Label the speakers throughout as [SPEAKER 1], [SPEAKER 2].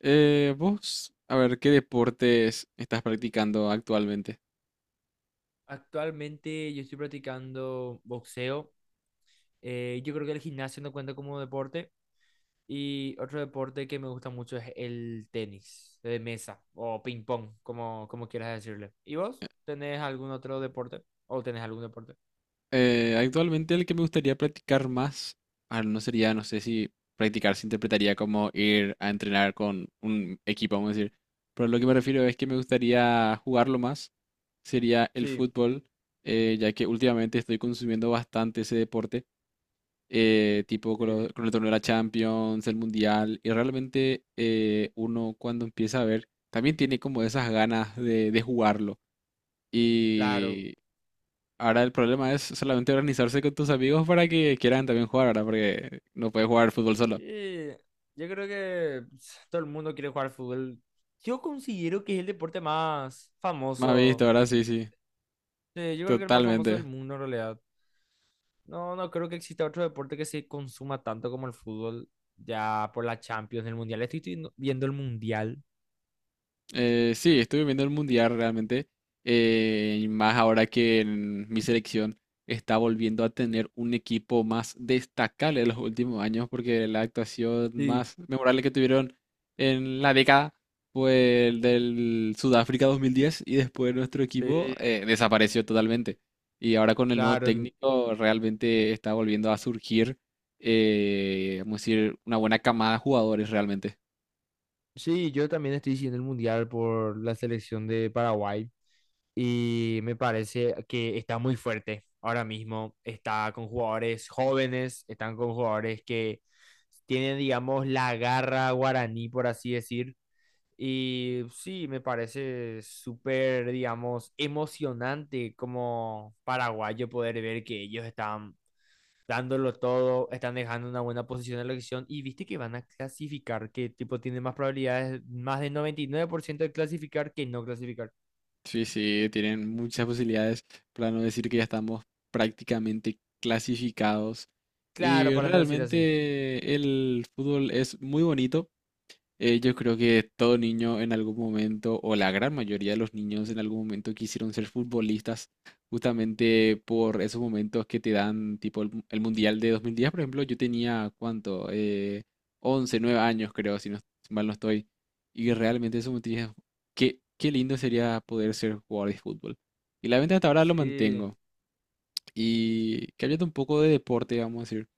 [SPEAKER 1] Vos, a ver, ¿qué deportes estás practicando actualmente?
[SPEAKER 2] Actualmente yo estoy practicando boxeo. Yo creo que el gimnasio no cuenta como deporte. Y otro deporte que me gusta mucho es el tenis de mesa o ping pong, como quieras decirle. ¿Y vos? ¿Tenés algún otro deporte? ¿O tenés algún deporte?
[SPEAKER 1] Actualmente el que me gustaría practicar más, no sería, no sé si practicar se interpretaría como ir a entrenar con un equipo, vamos a decir. Pero lo que me refiero es que me gustaría jugarlo más, sería el
[SPEAKER 2] Sí.
[SPEAKER 1] fútbol, ya que últimamente estoy consumiendo bastante ese deporte. Tipo con,
[SPEAKER 2] Sí.
[SPEAKER 1] con el torneo de la Champions, el Mundial, y realmente uno cuando empieza a ver, también tiene como esas ganas de jugarlo.
[SPEAKER 2] Claro.
[SPEAKER 1] Y ahora el problema es solamente organizarse con tus amigos para que quieran también jugar ahora, porque no puedes jugar fútbol solo.
[SPEAKER 2] Y yo creo que, pues, todo el mundo quiere jugar fútbol. Yo considero que es el deporte más
[SPEAKER 1] Me has visto,
[SPEAKER 2] famoso.
[SPEAKER 1] ahora sí, sí,
[SPEAKER 2] Sí, yo creo que el más famoso del
[SPEAKER 1] totalmente.
[SPEAKER 2] mundo en realidad. No, no creo que exista otro deporte que se consuma tanto como el fútbol, ya por la Champions, el Mundial. Estoy viendo el Mundial.
[SPEAKER 1] Sí, estuve viendo el mundial realmente. Y más ahora que en mi selección está volviendo a tener un equipo más destacable en los últimos años, porque la actuación
[SPEAKER 2] Sí,
[SPEAKER 1] más memorable que tuvieron en la década fue el del Sudáfrica 2010 y después nuestro equipo
[SPEAKER 2] sí,
[SPEAKER 1] desapareció totalmente. Y ahora con el nuevo
[SPEAKER 2] claro.
[SPEAKER 1] técnico realmente está volviendo a surgir, vamos a decir, una buena camada de jugadores realmente.
[SPEAKER 2] Sí, yo también estoy siguiendo el Mundial por la selección de Paraguay y me parece que está muy fuerte ahora mismo. Está con jugadores jóvenes, están con jugadores que tienen, digamos, la garra guaraní, por así decir. Y sí, me parece súper, digamos, emocionante como paraguayo poder ver que ellos están dándolo todo, están dejando una buena posición en la elección y viste que van a clasificar, que tipo tiene más probabilidades, más del 99% de clasificar que no clasificar.
[SPEAKER 1] Sí, sí, tienen muchas posibilidades, para no decir que ya estamos prácticamente clasificados.
[SPEAKER 2] Claro,
[SPEAKER 1] Y
[SPEAKER 2] para no decir así.
[SPEAKER 1] realmente el fútbol es muy bonito. Yo creo que todo niño en algún momento, o la gran mayoría de los niños en algún momento quisieron ser futbolistas, justamente por esos momentos que te dan, tipo el, el Mundial de 2010, por ejemplo, yo tenía, ¿cuánto? 11, 9 años creo, si no, si mal no estoy. Y realmente eso me tenía, qué, qué lindo sería poder ser jugador de fútbol. Y la venta hasta ahora lo
[SPEAKER 2] Sí,
[SPEAKER 1] mantengo. Y cambiando un poco de deporte, vamos a decir.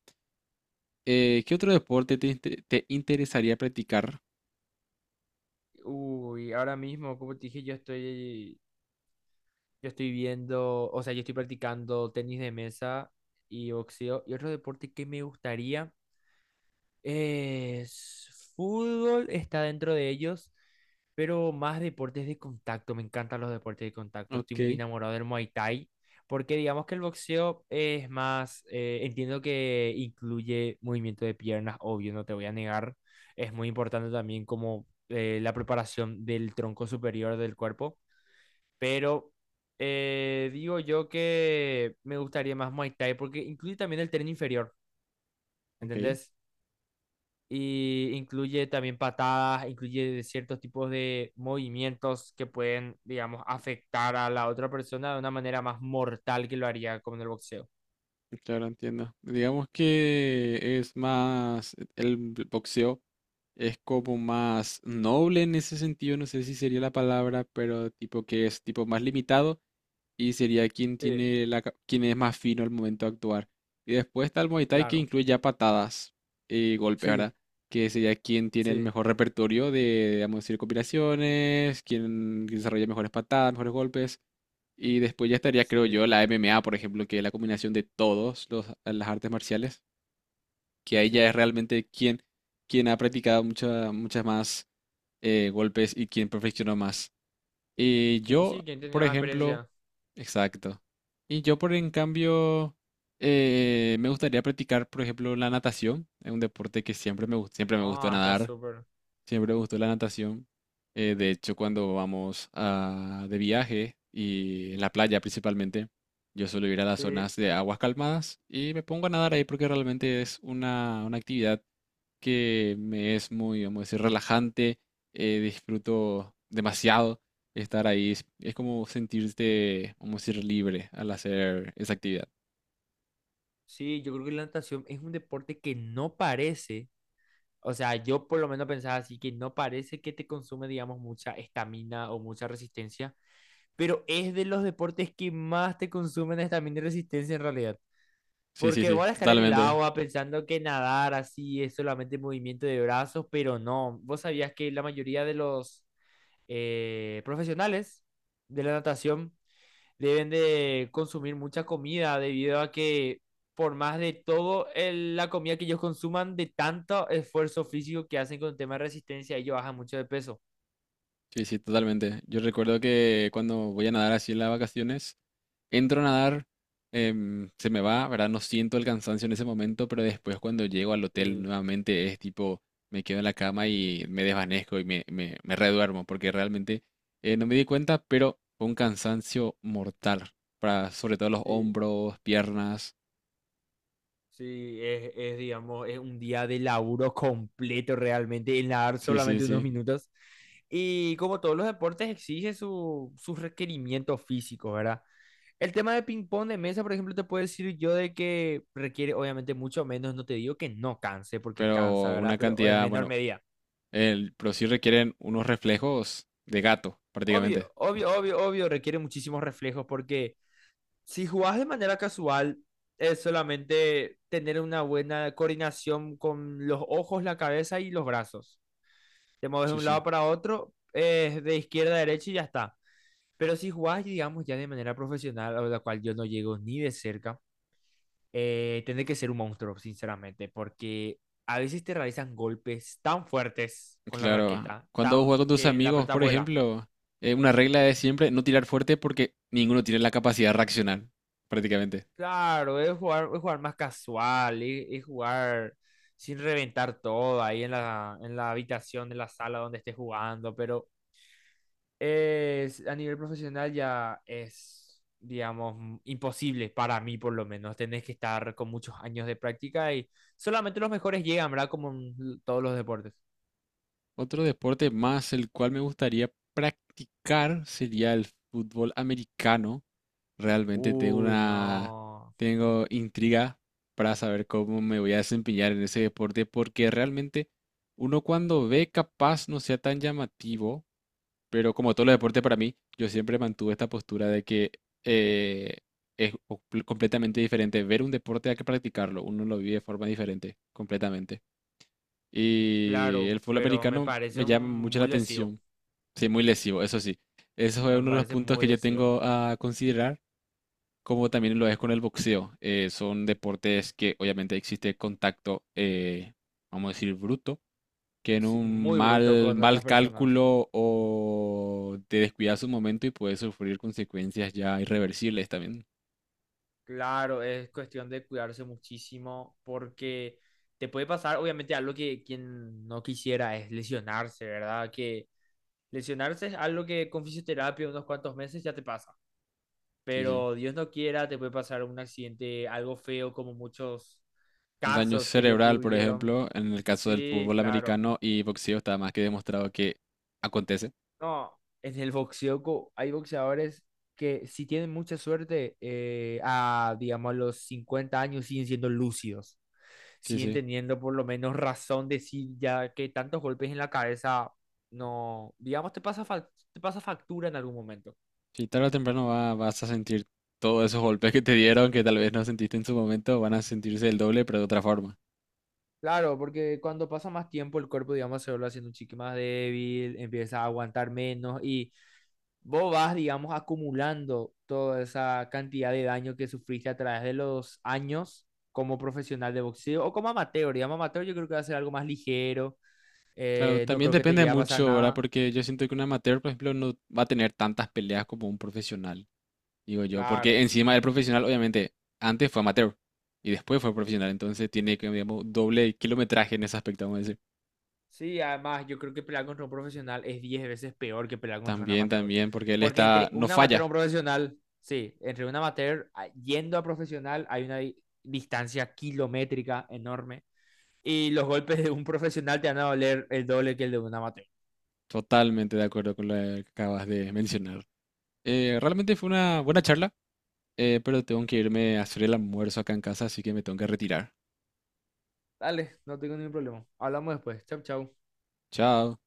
[SPEAKER 1] ¿Qué otro deporte te, te interesaría practicar?
[SPEAKER 2] uy, ahora mismo, como te dije, yo estoy viendo, o sea, yo estoy practicando tenis de mesa y boxeo y otro deporte que me gustaría. Es, fútbol está dentro de ellos, pero más deportes de contacto. Me encantan los deportes de contacto. Estoy
[SPEAKER 1] Ok,
[SPEAKER 2] muy enamorado del Muay Thai, porque digamos que el boxeo es más, entiendo que incluye movimiento de piernas, obvio, no te voy a negar. Es muy importante también, como la preparación del tronco superior del cuerpo, pero… digo yo que me gustaría más Muay Thai porque incluye también el tren inferior,
[SPEAKER 1] ok.
[SPEAKER 2] ¿entendés? Y incluye también patadas, incluye ciertos tipos de movimientos que pueden, digamos, afectar a la otra persona de una manera más mortal que lo haría como en el boxeo.
[SPEAKER 1] Claro, entiendo. Digamos que es más, e, el boxeo es como más noble en ese sentido, no sé si sería la palabra, pero tipo que es tipo más limitado y sería quien
[SPEAKER 2] Sí,
[SPEAKER 1] tiene la, quien es más fino al momento de actuar. Y después está el Muay Thai que
[SPEAKER 2] claro.
[SPEAKER 1] incluye ya patadas y golpes,
[SPEAKER 2] Sí,
[SPEAKER 1] ¿verdad? Que sería quien tiene el
[SPEAKER 2] sí,
[SPEAKER 1] mejor repertorio de, vamos a decir, combinaciones, quien desarrolla mejores patadas, mejores golpes. Y después ya estaría, creo
[SPEAKER 2] sí,
[SPEAKER 1] yo, la MMA, por ejemplo, que es la combinación de todos los, las artes marciales, que ahí ya es
[SPEAKER 2] sí.
[SPEAKER 1] realmente quien, quien ha practicado muchas más golpes y quien perfeccionó más. Y yo,
[SPEAKER 2] Sí, ¿quién tiene
[SPEAKER 1] por
[SPEAKER 2] más
[SPEAKER 1] ejemplo,
[SPEAKER 2] experiencia?
[SPEAKER 1] exacto. Y yo, por en cambio, me gustaría practicar, por ejemplo, la natación. Es un deporte que siempre me, siempre me gustó
[SPEAKER 2] Ah, está
[SPEAKER 1] nadar.
[SPEAKER 2] súper.
[SPEAKER 1] Siempre me gustó la natación. De hecho, cuando de viaje y en la playa principalmente, yo suelo ir a las
[SPEAKER 2] Sí,
[SPEAKER 1] zonas de aguas calmadas y me pongo a nadar ahí porque realmente es una actividad que me es muy, vamos a decir, relajante. Disfruto demasiado estar ahí. Es como sentirte, vamos a decir, libre al hacer esa actividad.
[SPEAKER 2] sí, yo creo que la natación es un deporte que no parece, o sea, yo por lo menos pensaba así, que no parece que te consume, digamos, mucha estamina o mucha resistencia, pero es de los deportes que más te consumen es también y resistencia en realidad.
[SPEAKER 1] Sí, sí,
[SPEAKER 2] Porque vos
[SPEAKER 1] sí,
[SPEAKER 2] vas a estar en el
[SPEAKER 1] totalmente.
[SPEAKER 2] agua pensando que nadar así es solamente movimiento de brazos, pero no. ¿Vos sabías que la mayoría de los profesionales de la natación deben de consumir mucha comida debido a que, por más de todo la comida que ellos consuman, de tanto esfuerzo físico que hacen con el tema de resistencia, ellos bajan mucho de peso?
[SPEAKER 1] Sí, sí, totalmente. Yo recuerdo que cuando voy a nadar así en las vacaciones, entro a nadar, se me va, ¿verdad? No siento el cansancio en ese momento, pero después cuando llego al hotel
[SPEAKER 2] Sí,
[SPEAKER 1] nuevamente es tipo, me quedo en la cama y me desvanezco y me, me reduermo, porque realmente no me di cuenta, pero fue un cansancio mortal, para sobre todo los
[SPEAKER 2] sí.
[SPEAKER 1] hombros, piernas,
[SPEAKER 2] Sí, es, digamos, es un día de laburo completo realmente, en nadar
[SPEAKER 1] sí, sí,
[SPEAKER 2] solamente unos
[SPEAKER 1] sí,
[SPEAKER 2] minutos. Y como todos los deportes, exige sus requerimientos físicos, ¿verdad? El tema de ping-pong de mesa, por ejemplo, te puedo decir yo de que requiere obviamente mucho menos, no te digo que no canse, porque cansa,
[SPEAKER 1] pero
[SPEAKER 2] ¿verdad?
[SPEAKER 1] una
[SPEAKER 2] Pero en
[SPEAKER 1] cantidad,
[SPEAKER 2] menor
[SPEAKER 1] bueno,
[SPEAKER 2] medida.
[SPEAKER 1] el, pero sí requieren unos reflejos de gato, prácticamente.
[SPEAKER 2] Obvio, obvio, obvio, obvio, requiere muchísimos reflejos, porque si jugás de manera casual, es solamente tener una buena coordinación con los ojos, la cabeza y los brazos. Te mueves de
[SPEAKER 1] Sí,
[SPEAKER 2] un lado
[SPEAKER 1] sí.
[SPEAKER 2] para otro, de izquierda a derecha y ya está. Pero si jugás, digamos, ya de manera profesional, a la cual yo no llego ni de cerca, tenés que ser un monstruo, sinceramente, porque a veces te realizan golpes tan fuertes con la
[SPEAKER 1] Claro,
[SPEAKER 2] raqueta,
[SPEAKER 1] cuando
[SPEAKER 2] tan-
[SPEAKER 1] juegas con tus
[SPEAKER 2] que la
[SPEAKER 1] amigos,
[SPEAKER 2] pelota
[SPEAKER 1] por
[SPEAKER 2] vuela.
[SPEAKER 1] ejemplo, una regla es siempre no tirar fuerte porque ninguno tiene la capacidad de reaccionar, prácticamente.
[SPEAKER 2] Claro, es jugar más casual, es jugar sin reventar todo ahí en la habitación, en la sala donde estés jugando, pero es, a nivel profesional ya es, digamos, imposible para mí por lo menos. Tenés que estar con muchos años de práctica y solamente los mejores llegan, ¿verdad? Como en todos los deportes.
[SPEAKER 1] Otro deporte más el cual me gustaría practicar sería el fútbol americano. Realmente tengo
[SPEAKER 2] Uy,
[SPEAKER 1] una,
[SPEAKER 2] no.
[SPEAKER 1] tengo intriga para saber cómo me voy a desempeñar en ese deporte porque realmente uno cuando ve capaz no sea tan llamativo, pero como todos los deportes para mí, yo siempre mantuve esta postura de que eh, es completamente diferente ver un deporte a que practicarlo. Uno lo vive de forma diferente, completamente. Y
[SPEAKER 2] Claro,
[SPEAKER 1] el fútbol
[SPEAKER 2] pero me
[SPEAKER 1] americano
[SPEAKER 2] parece
[SPEAKER 1] me llama mucho la
[SPEAKER 2] muy lesivo.
[SPEAKER 1] atención. Sí, muy lesivo, eso sí. Eso es
[SPEAKER 2] Me
[SPEAKER 1] uno de los
[SPEAKER 2] parece
[SPEAKER 1] puntos
[SPEAKER 2] muy
[SPEAKER 1] que yo
[SPEAKER 2] lesivo.
[SPEAKER 1] tengo a considerar, como también lo es con el boxeo. Son deportes que obviamente existe contacto, vamos a decir, bruto que en
[SPEAKER 2] Sí,
[SPEAKER 1] un
[SPEAKER 2] muy bruto
[SPEAKER 1] mal,
[SPEAKER 2] con otras
[SPEAKER 1] mal
[SPEAKER 2] personas.
[SPEAKER 1] cálculo o te descuidas un momento y puedes sufrir consecuencias ya irreversibles también.
[SPEAKER 2] Claro, es cuestión de cuidarse muchísimo, porque te puede pasar, obviamente, algo que quien no quisiera es lesionarse, ¿verdad? Que lesionarse es algo que con fisioterapia unos cuantos meses ya te pasa,
[SPEAKER 1] Sí, sí.
[SPEAKER 2] pero Dios no quiera, te puede pasar un accidente, algo feo como muchos
[SPEAKER 1] Un daño
[SPEAKER 2] casos que ya
[SPEAKER 1] cerebral, por
[SPEAKER 2] ocurrieron.
[SPEAKER 1] ejemplo, en el caso del
[SPEAKER 2] Sí,
[SPEAKER 1] fútbol
[SPEAKER 2] claro.
[SPEAKER 1] americano y boxeo está más que demostrado que acontece.
[SPEAKER 2] No, en el boxeo hay boxeadores que, si tienen mucha suerte, a, digamos, a los 50 años siguen siendo lúcidos,
[SPEAKER 1] Sí,
[SPEAKER 2] siguen
[SPEAKER 1] sí.
[SPEAKER 2] teniendo por lo menos razón de sí, ya que tantos golpes en la cabeza, no, digamos, te pasa, te pasa factura en algún momento.
[SPEAKER 1] Sí, tarde o temprano vas a sentir todos esos golpes que te dieron, que tal vez no sentiste en su momento, van a sentirse el doble, pero de otra forma.
[SPEAKER 2] Claro, porque cuando pasa más tiempo el cuerpo, digamos, se vuelve haciendo un chique más débil, empieza a aguantar menos y vos vas, digamos, acumulando toda esa cantidad de daño que sufriste a través de los años como profesional de boxeo o como amateur. Digamos, amateur yo creo que va a ser algo más ligero,
[SPEAKER 1] Claro,
[SPEAKER 2] no
[SPEAKER 1] también
[SPEAKER 2] creo que te
[SPEAKER 1] depende
[SPEAKER 2] llegue a pasar
[SPEAKER 1] mucho, ¿verdad?
[SPEAKER 2] nada.
[SPEAKER 1] Porque yo siento que un amateur, por ejemplo, no va a tener tantas peleas como un profesional. Digo yo, porque
[SPEAKER 2] Claro.
[SPEAKER 1] encima el profesional, obviamente, antes fue amateur y después fue profesional, entonces tiene que, digamos, doble kilometraje en ese aspecto, vamos a decir.
[SPEAKER 2] Sí, además yo creo que pelear contra un profesional es 10 veces peor que pelear contra un
[SPEAKER 1] También,
[SPEAKER 2] amateur.
[SPEAKER 1] también, porque él
[SPEAKER 2] Porque
[SPEAKER 1] está,
[SPEAKER 2] entre
[SPEAKER 1] no
[SPEAKER 2] un amateur y
[SPEAKER 1] falla,
[SPEAKER 2] un profesional, sí, entre un amateur yendo a profesional hay una distancia kilométrica enorme. Y los golpes de un profesional te van a doler el doble que el de un amateur.
[SPEAKER 1] totalmente de acuerdo con lo que acabas de mencionar. Realmente fue una buena charla, pero tengo que irme a hacer el almuerzo acá en casa, así que me tengo que retirar.
[SPEAKER 2] Dale, no tengo ningún problema. Hablamos después. Chau, chau.
[SPEAKER 1] Chao.